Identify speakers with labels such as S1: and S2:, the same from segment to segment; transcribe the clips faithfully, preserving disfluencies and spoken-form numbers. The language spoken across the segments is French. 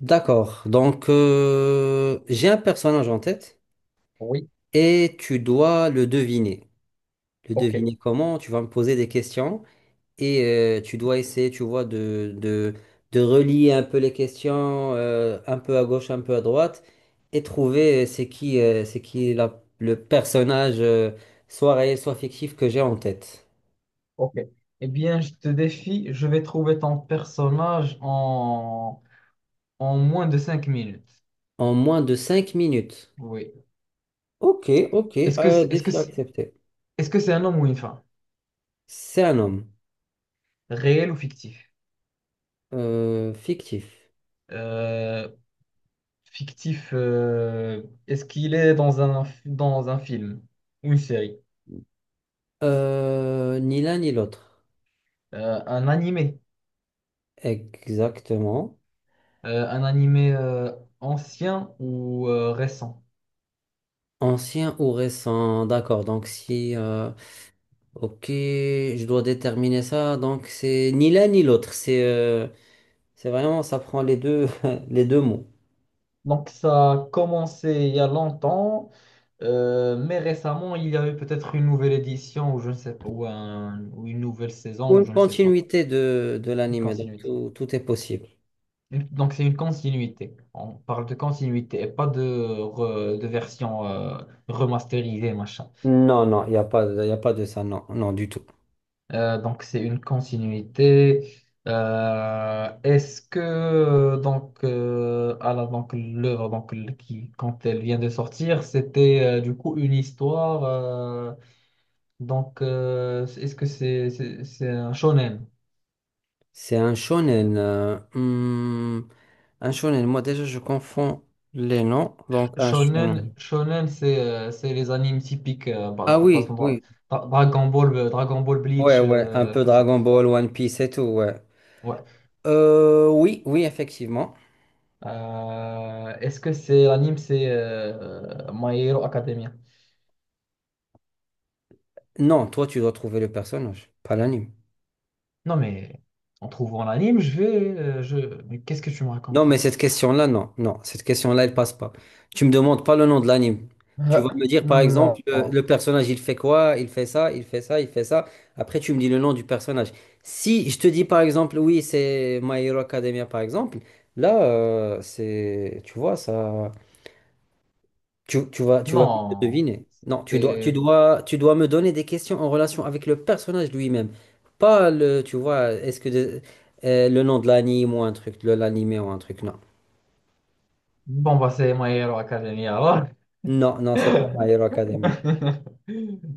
S1: D'accord. Donc, euh, j'ai un personnage en tête
S2: Oui,
S1: et tu dois le deviner. Le
S2: ok,
S1: deviner comment? Tu vas me poser des questions et euh, tu dois essayer, tu vois, de, de, de relier un peu les questions, euh, un peu à gauche, un peu à droite, et trouver euh, c'est qui, euh, c'est qui la- le personnage, euh, soit réel, soit fictif, que j'ai en tête.
S2: ok. Eh bien, je te défie, je vais trouver ton personnage en, en moins de cinq minutes.
S1: En moins de cinq minutes.
S2: Oui.
S1: Ok, ok.
S2: Est-ce que
S1: Euh,
S2: c'est- est-ce que
S1: défi
S2: c'est-
S1: accepté.
S2: est-ce que c'est un homme ou une femme?
S1: C'est un homme.
S2: Réel ou fictif?
S1: Euh, fictif.
S2: Euh, fictif, euh, est-ce qu'il est dans un, dans un film ou une série?
S1: Euh, ni l'un ni l'autre.
S2: Euh, un animé?
S1: Exactement.
S2: Euh, un animé euh, ancien ou euh, récent?
S1: Ancien ou récent, d'accord. Donc si, euh, ok, je dois déterminer ça. Donc c'est ni l'un ni l'autre. C'est, euh, c'est vraiment, ça prend les deux, les deux mots.
S2: Donc, ça a commencé il y a longtemps. Euh, mais récemment, il y a eu peut-être une nouvelle édition ou je ne sais pas, ou, un- ou une nouvelle
S1: Ou
S2: saison ou
S1: une
S2: je ne sais pas.
S1: continuité de, de
S2: Une
S1: l'anime. Donc
S2: continuité.
S1: tout, tout est possible.
S2: Une- donc c'est une continuité. On parle de continuité et pas de, re- de version euh, remasterisée, machin.
S1: Non, non, il n'y a pas, il a pas de ça. Non, non, du tout.
S2: Euh, donc c'est une continuité. Euh, est-ce que donc euh, à la- donc l'œuvre donc le- qui quand elle vient de sortir, c'était euh, du coup une histoire. euh, Donc, euh, est-ce que c'est c'est- c'est un shonen?
S1: C'est un shonen. Euh, hmm, un shonen. Moi déjà, je confonds les noms. Donc un
S2: Shonen,
S1: shonen.
S2: shonen, c'est euh, c'est les animes typiques, euh,
S1: Ah
S2: par- par
S1: oui,
S2: exemple, Dra-
S1: oui.
S2: Dra- Dragon Ball, euh, Dragon Ball
S1: Ouais,
S2: Bleach,
S1: ouais, un
S2: euh,
S1: peu
S2: tout ça.
S1: Dragon Ball, One Piece et tout, ouais.
S2: Ouais.
S1: Euh, oui, oui, effectivement.
S2: Euh, est-ce que c'est l'anime, c'est euh, euh, My Hero Academia?
S1: Non, toi, tu dois trouver le personnage, pas l'anime.
S2: Non, mais en trouvant l'anime, je vais, euh, je. Mais qu'est-ce que tu me
S1: Non,
S2: racontes là?
S1: mais cette question-là, non, non, cette question-là, elle passe pas. Tu me demandes pas le nom de l'anime. Tu vas
S2: Ah,
S1: me dire, par exemple,
S2: non.
S1: le, le personnage, il fait quoi? Il fait ça, il fait ça, il fait ça. Après, tu me dis le nom du personnage. Si je te dis, par exemple, oui, c'est My Hero Academia, par exemple, là, euh, c'est, tu vois, ça. Tu, tu vas, tu vas vite le
S2: Non,
S1: deviner. Non, tu dois, tu
S2: c'est
S1: dois, tu dois me donner des questions en relation avec le personnage lui-même. Pas le, tu vois, est-ce que de- euh, le nom de l'anime ou un truc, de l'anime ou un truc, non.
S2: bon, bah c'est My Hero Academia, alors.
S1: Non, non, c'est pas My Hero Academia.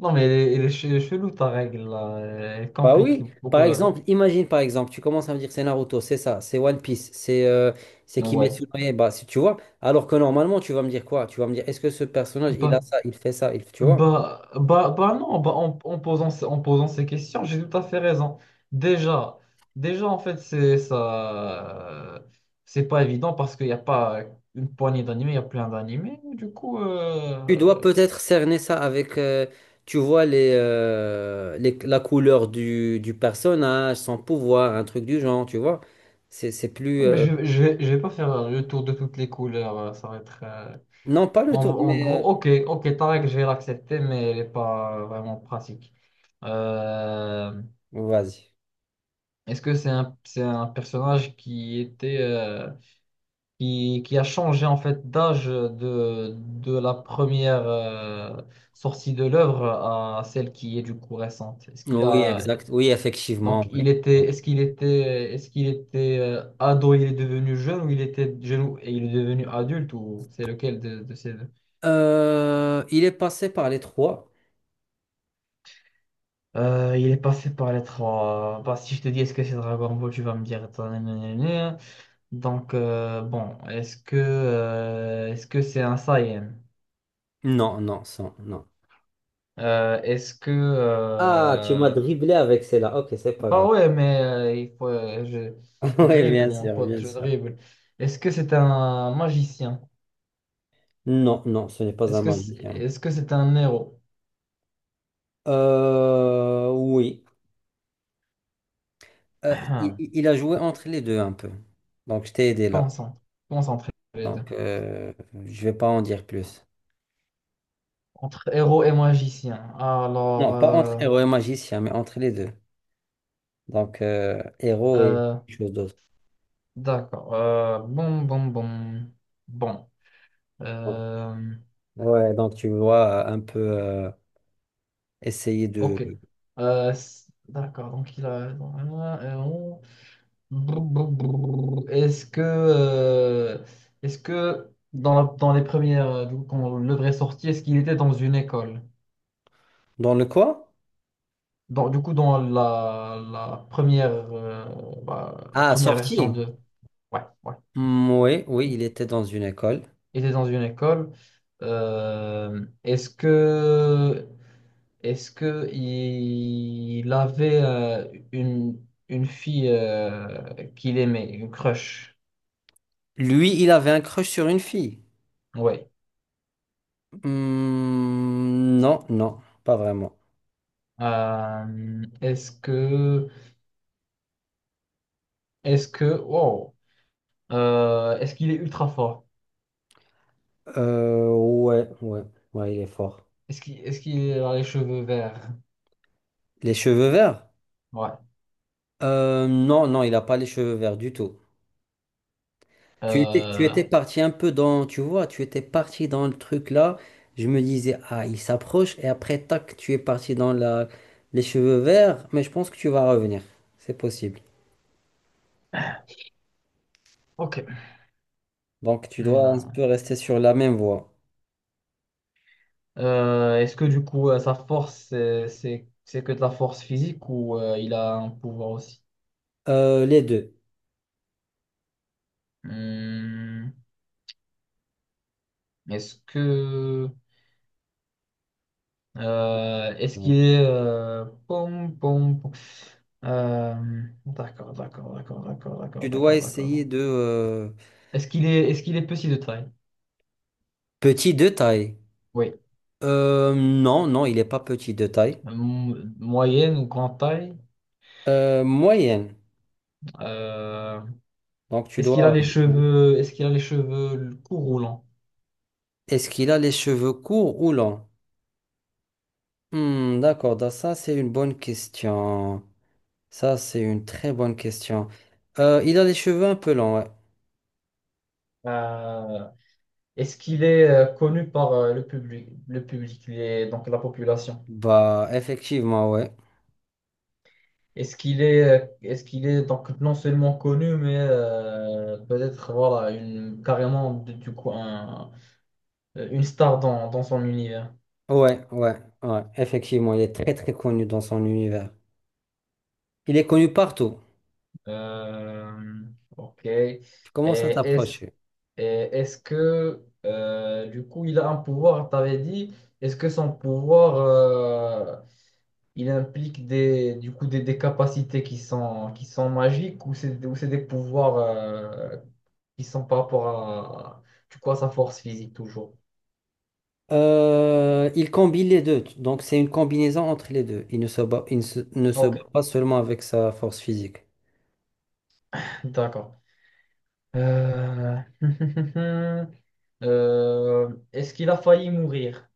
S2: Non, mais elle est, elle est che- elle est chelou ta règle là. Elle
S1: Bah
S2: complique
S1: oui, par
S2: beaucoup la vie.
S1: exemple, imagine par exemple, tu commences à me dire c'est Naruto, c'est ça, c'est One Piece, c'est euh, c'est
S2: Ouais.
S1: Kimetsu no Yaiba, si tu vois. Alors que normalement, tu vas me dire quoi? Tu vas me dire est-ce que ce personnage, il a
S2: Bah,
S1: ça, il fait ça, il, tu vois?
S2: bah, bah, bah non, bah, en, en posant, ce- en posant ces questions, j'ai tout à fait raison. Déjà, déjà en fait, c'est ça. C'est pas évident parce qu'il n'y a pas une poignée d'animés, il y a plein d'animés. Du coup,
S1: Tu dois
S2: euh,
S1: peut-être cerner ça avec, euh, tu vois, les, euh, les- la couleur du, du personnage, son pouvoir, un truc du genre, tu vois. C'est, c'est plus...
S2: non, mais
S1: euh,
S2: je, je, vais- je vais pas faire le tour de toutes les couleurs. euh, Ça va être. euh,
S1: non, pas le
S2: En,
S1: tour,
S2: en
S1: mais...
S2: gros,
S1: euh,
S2: ok, ok, ta règle, je vais l'accepter, mais elle n'est pas vraiment pratique. Euh,
S1: vas-y.
S2: est-ce que c'est un, c'est un personnage qui était, euh, qui, qui a changé en fait d'âge de, de la première euh, sortie de l'œuvre à celle qui est du coup récente? Est-ce qu'il
S1: Oui,
S2: a,
S1: exact. Oui,
S2: donc
S1: effectivement. Ouais.
S2: il était, est-ce qu'il était, est-ce qu'il était euh, ado, il est devenu jeune ou il était jeune et il est devenu adulte ou c'est lequel de, de ces deux?
S1: Euh, il est passé par les trois.
S2: Euh, il est passé par les trois. Bah, si je te dis est-ce que c'est Dragon Ball, tu vas me dire. ta- na- na- na- Donc, euh, bon, est-ce que euh, est-ce que c'est un Saiyan?
S1: Non, non, sans, non.
S2: Euh, est-ce que.
S1: Ah, tu m'as
S2: euh,
S1: dribblé avec celle-là. Ok, c'est pas
S2: Bah
S1: grave.
S2: ouais, mais euh, il faut, euh, je, je
S1: Oui,
S2: dribble,
S1: bien
S2: mon
S1: sûr,
S2: pote,
S1: bien
S2: je
S1: sûr.
S2: dribble. Est-ce que c'est un magicien?
S1: Non, non, ce n'est pas
S2: Est-ce
S1: un
S2: que c'est,
S1: magicien.
S2: est-ce que c'est un héros?
S1: Euh, oui. Euh, il, il- a joué entre les deux un peu. Donc, je t'ai aidé là.
S2: Concentre, concentrez les deux.
S1: Donc, euh, je vais pas en dire plus.
S2: Entre héros et magicien. Alors.
S1: Non, pas entre
S2: euh,
S1: héros et magicien, mais entre les deux. Donc, euh, héros et
S2: euh,
S1: quelque chose d'autre.
S2: D'accord. Euh, bon, bon, bon. Bon. Euh,
S1: Ouais, donc tu vois, euh, un peu euh, essayer de...
S2: ok. Euh, s- d'accord. Donc, il a. euh, on- brou, brou, brou. Est-ce que. Euh, est-ce que dans, la- dans les premières. Euh, du coup, quand le vrai sorti, est-ce qu'il était dans une école?
S1: Dans le quoi?
S2: Dans, du coup, dans la, la première. Euh, bah, la
S1: Ah,
S2: première version
S1: sorti.
S2: de. Ouais, ouais.
S1: Hmm, oui, oui, il était dans une école.
S2: Il était dans une école. Euh, est-ce que. Est-ce que il avait euh, une, une fille euh, qu'il aimait, une crush?
S1: Lui, il avait un crush sur une fille.
S2: Ouais.
S1: Hmm, non, non, pas vraiment.
S2: Euh, est-ce que est-ce que wow. Euh, est-ce qu'il est ultra fort?
S1: Euh, ouais, ouais, ouais, il est fort.
S2: Est-ce qu'il est-ce qu'il a les cheveux verts?
S1: Les cheveux verts?
S2: Ouais.
S1: Euh, non, non, il n'a pas les cheveux verts du tout. Tu étais, tu
S2: Euh,
S1: étais parti un peu dans, tu vois, tu étais parti dans le truc là. Je me disais, ah, il s'approche, et après, tac, tu es parti dans la, les cheveux verts, mais je pense que tu vas revenir. C'est possible.
S2: ok.
S1: Donc, tu dois un peu
S2: Euh,
S1: rester sur la même voie.
S2: euh, est-ce que du coup euh, sa force c'est c'est c'est que de la force physique ou euh, il a un pouvoir aussi?
S1: Euh, les deux.
S2: Hum, est-ce que. Euh, est-ce
S1: Ouais.
S2: qu'il est, euh, pom, pom, pom. Euh, d'accord, d'accord, d'accord, d'accord,
S1: Tu
S2: d'accord,
S1: dois
S2: d'accord, d'accord.
S1: essayer de. euh,
S2: Est-ce qu'il est, est-ce qu'il est petit de taille?
S1: Petit de taille.
S2: Oui.
S1: Euh, non, non, il n'est pas petit de taille.
S2: M- moyenne ou grande taille?
S1: Euh, moyenne.
S2: Euh,
S1: Donc, tu
S2: est-ce qu'il a
S1: dois.
S2: les cheveux, est-ce qu'il a les cheveux courts ou longs?
S1: Est-ce qu'il a les cheveux courts ou longs? Hmm, d'accord, donc ça c'est une bonne question. Ça c'est une très bonne question. Euh, il a les cheveux un peu longs, ouais.
S2: Euh, est-ce qu'il est euh, connu par euh, le public, le public, les- donc la population?
S1: Bah, effectivement, ouais.
S2: Est-ce qu'il est, est-ce qu'il est donc non seulement connu, mais euh, peut-être voilà, une, carrément de- du coup, un- euh, une star dans, dans son univers.
S1: Ouais, ouais, ouais. Effectivement, il est très très connu dans son univers. Il est connu partout.
S2: Euh, ok. Et
S1: Tu commences à
S2: est-ce,
S1: t'approcher.
S2: et est-ce que euh, du coup il a un pouvoir, t'avais dit, est-ce que son pouvoir euh, il implique des, du coup, des, des capacités qui sont, qui sont magiques ou c'est, ou c'est des pouvoirs euh, qui sont par rapport à, du coup, à sa force physique toujours?
S1: Euh, il combine les deux, donc c'est une combinaison entre les deux. Il ne se bat, il ne se, ne se
S2: Ok,
S1: bat pas seulement avec sa force physique.
S2: d'accord. Euh, euh, est-ce qu'il a failli mourir?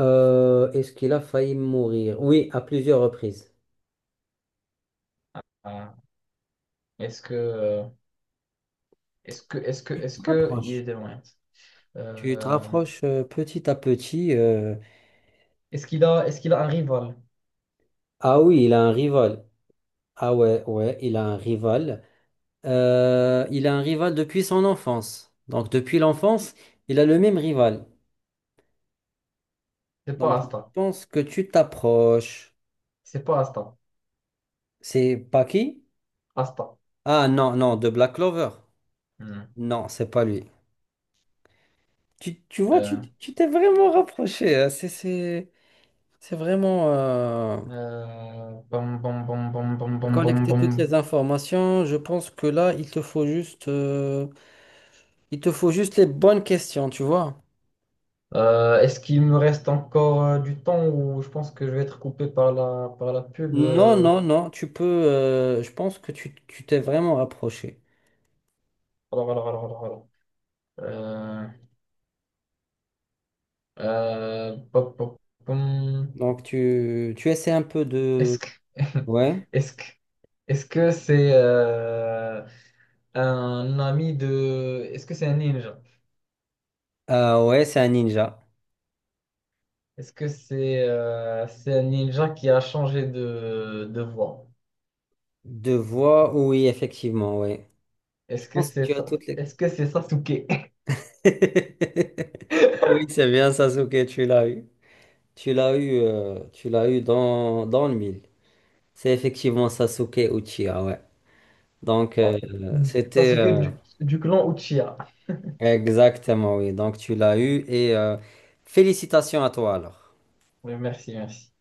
S1: Euh, est-ce qu'il a failli mourir? Oui, à plusieurs reprises.
S2: Ah. Est-ce que, euh, est-ce que, est-ce que,
S1: Tu
S2: est-ce
S1: te
S2: que il est
S1: rapproches.
S2: de loin.
S1: Tu te
S2: Euh,
S1: rapproches euh, petit à petit. euh,
S2: est-ce qu'il a, est-ce qu'il a un rival?
S1: Ah oui, il a un rival. Ah ouais, ouais, il a un rival. Euh, il a un rival depuis son enfance. Donc depuis l'enfance, il a le même rival.
S2: C'est pas
S1: Donc je
S2: Asta.
S1: pense que tu t'approches.
S2: C'est pas Asta.
S1: C'est pas qui?
S2: Asta.
S1: Ah non, non, de Black Clover.
S2: Hmm.
S1: Non, c'est pas lui. Tu, tu vois, tu,
S2: Euh,
S1: tu t'es vraiment rapproché. Hein. C'est, c'est, c'est vraiment euh,
S2: euh, bam, bam, bam, bam, bam, bam, bam,
S1: collecter toutes les
S2: bam.
S1: informations. Je pense que là, il te faut juste... euh, Il te faut juste les bonnes questions, tu vois.
S2: Euh, est-ce qu'il me reste encore euh, du temps ou je pense que je vais être coupé par la, par la pub?
S1: Non,
S2: euh,
S1: non, non, tu peux. Euh, je pense que tu tu t'es vraiment rapproché.
S2: Alors, alors, alors, alors, alors. Euh, Euh, pop, pop, pom.
S1: Donc, tu, tu essaies un peu
S2: Est-ce
S1: de.
S2: que
S1: Ouais.
S2: est-ce que est-ce que c'est euh, un ami de est-ce que c'est un ninja?
S1: Ah, ouais, c'est un ninja.
S2: Est-ce que c'est euh, c'est un ninja qui a changé de, de voix?
S1: De voix, oui, effectivement, oui. Je
S2: Est-ce que
S1: pense que
S2: c'est
S1: tu as
S2: ça?
S1: toutes les.
S2: Est-ce que c'est Sasuke?
S1: Oui, c'est bien, Sasuke, tu l'as eu. Tu l'as eu, euh, tu l'as eu dans, dans le mille. C'est effectivement Sasuke Uchiha, ouais. Donc, euh,
S2: Ok.
S1: c'était.
S2: Sasuke
S1: euh,
S2: du, du clan Uchiha.
S1: Exactement, oui. Donc tu l'as eu et euh, félicitations à toi alors.
S2: Oui, merci, merci.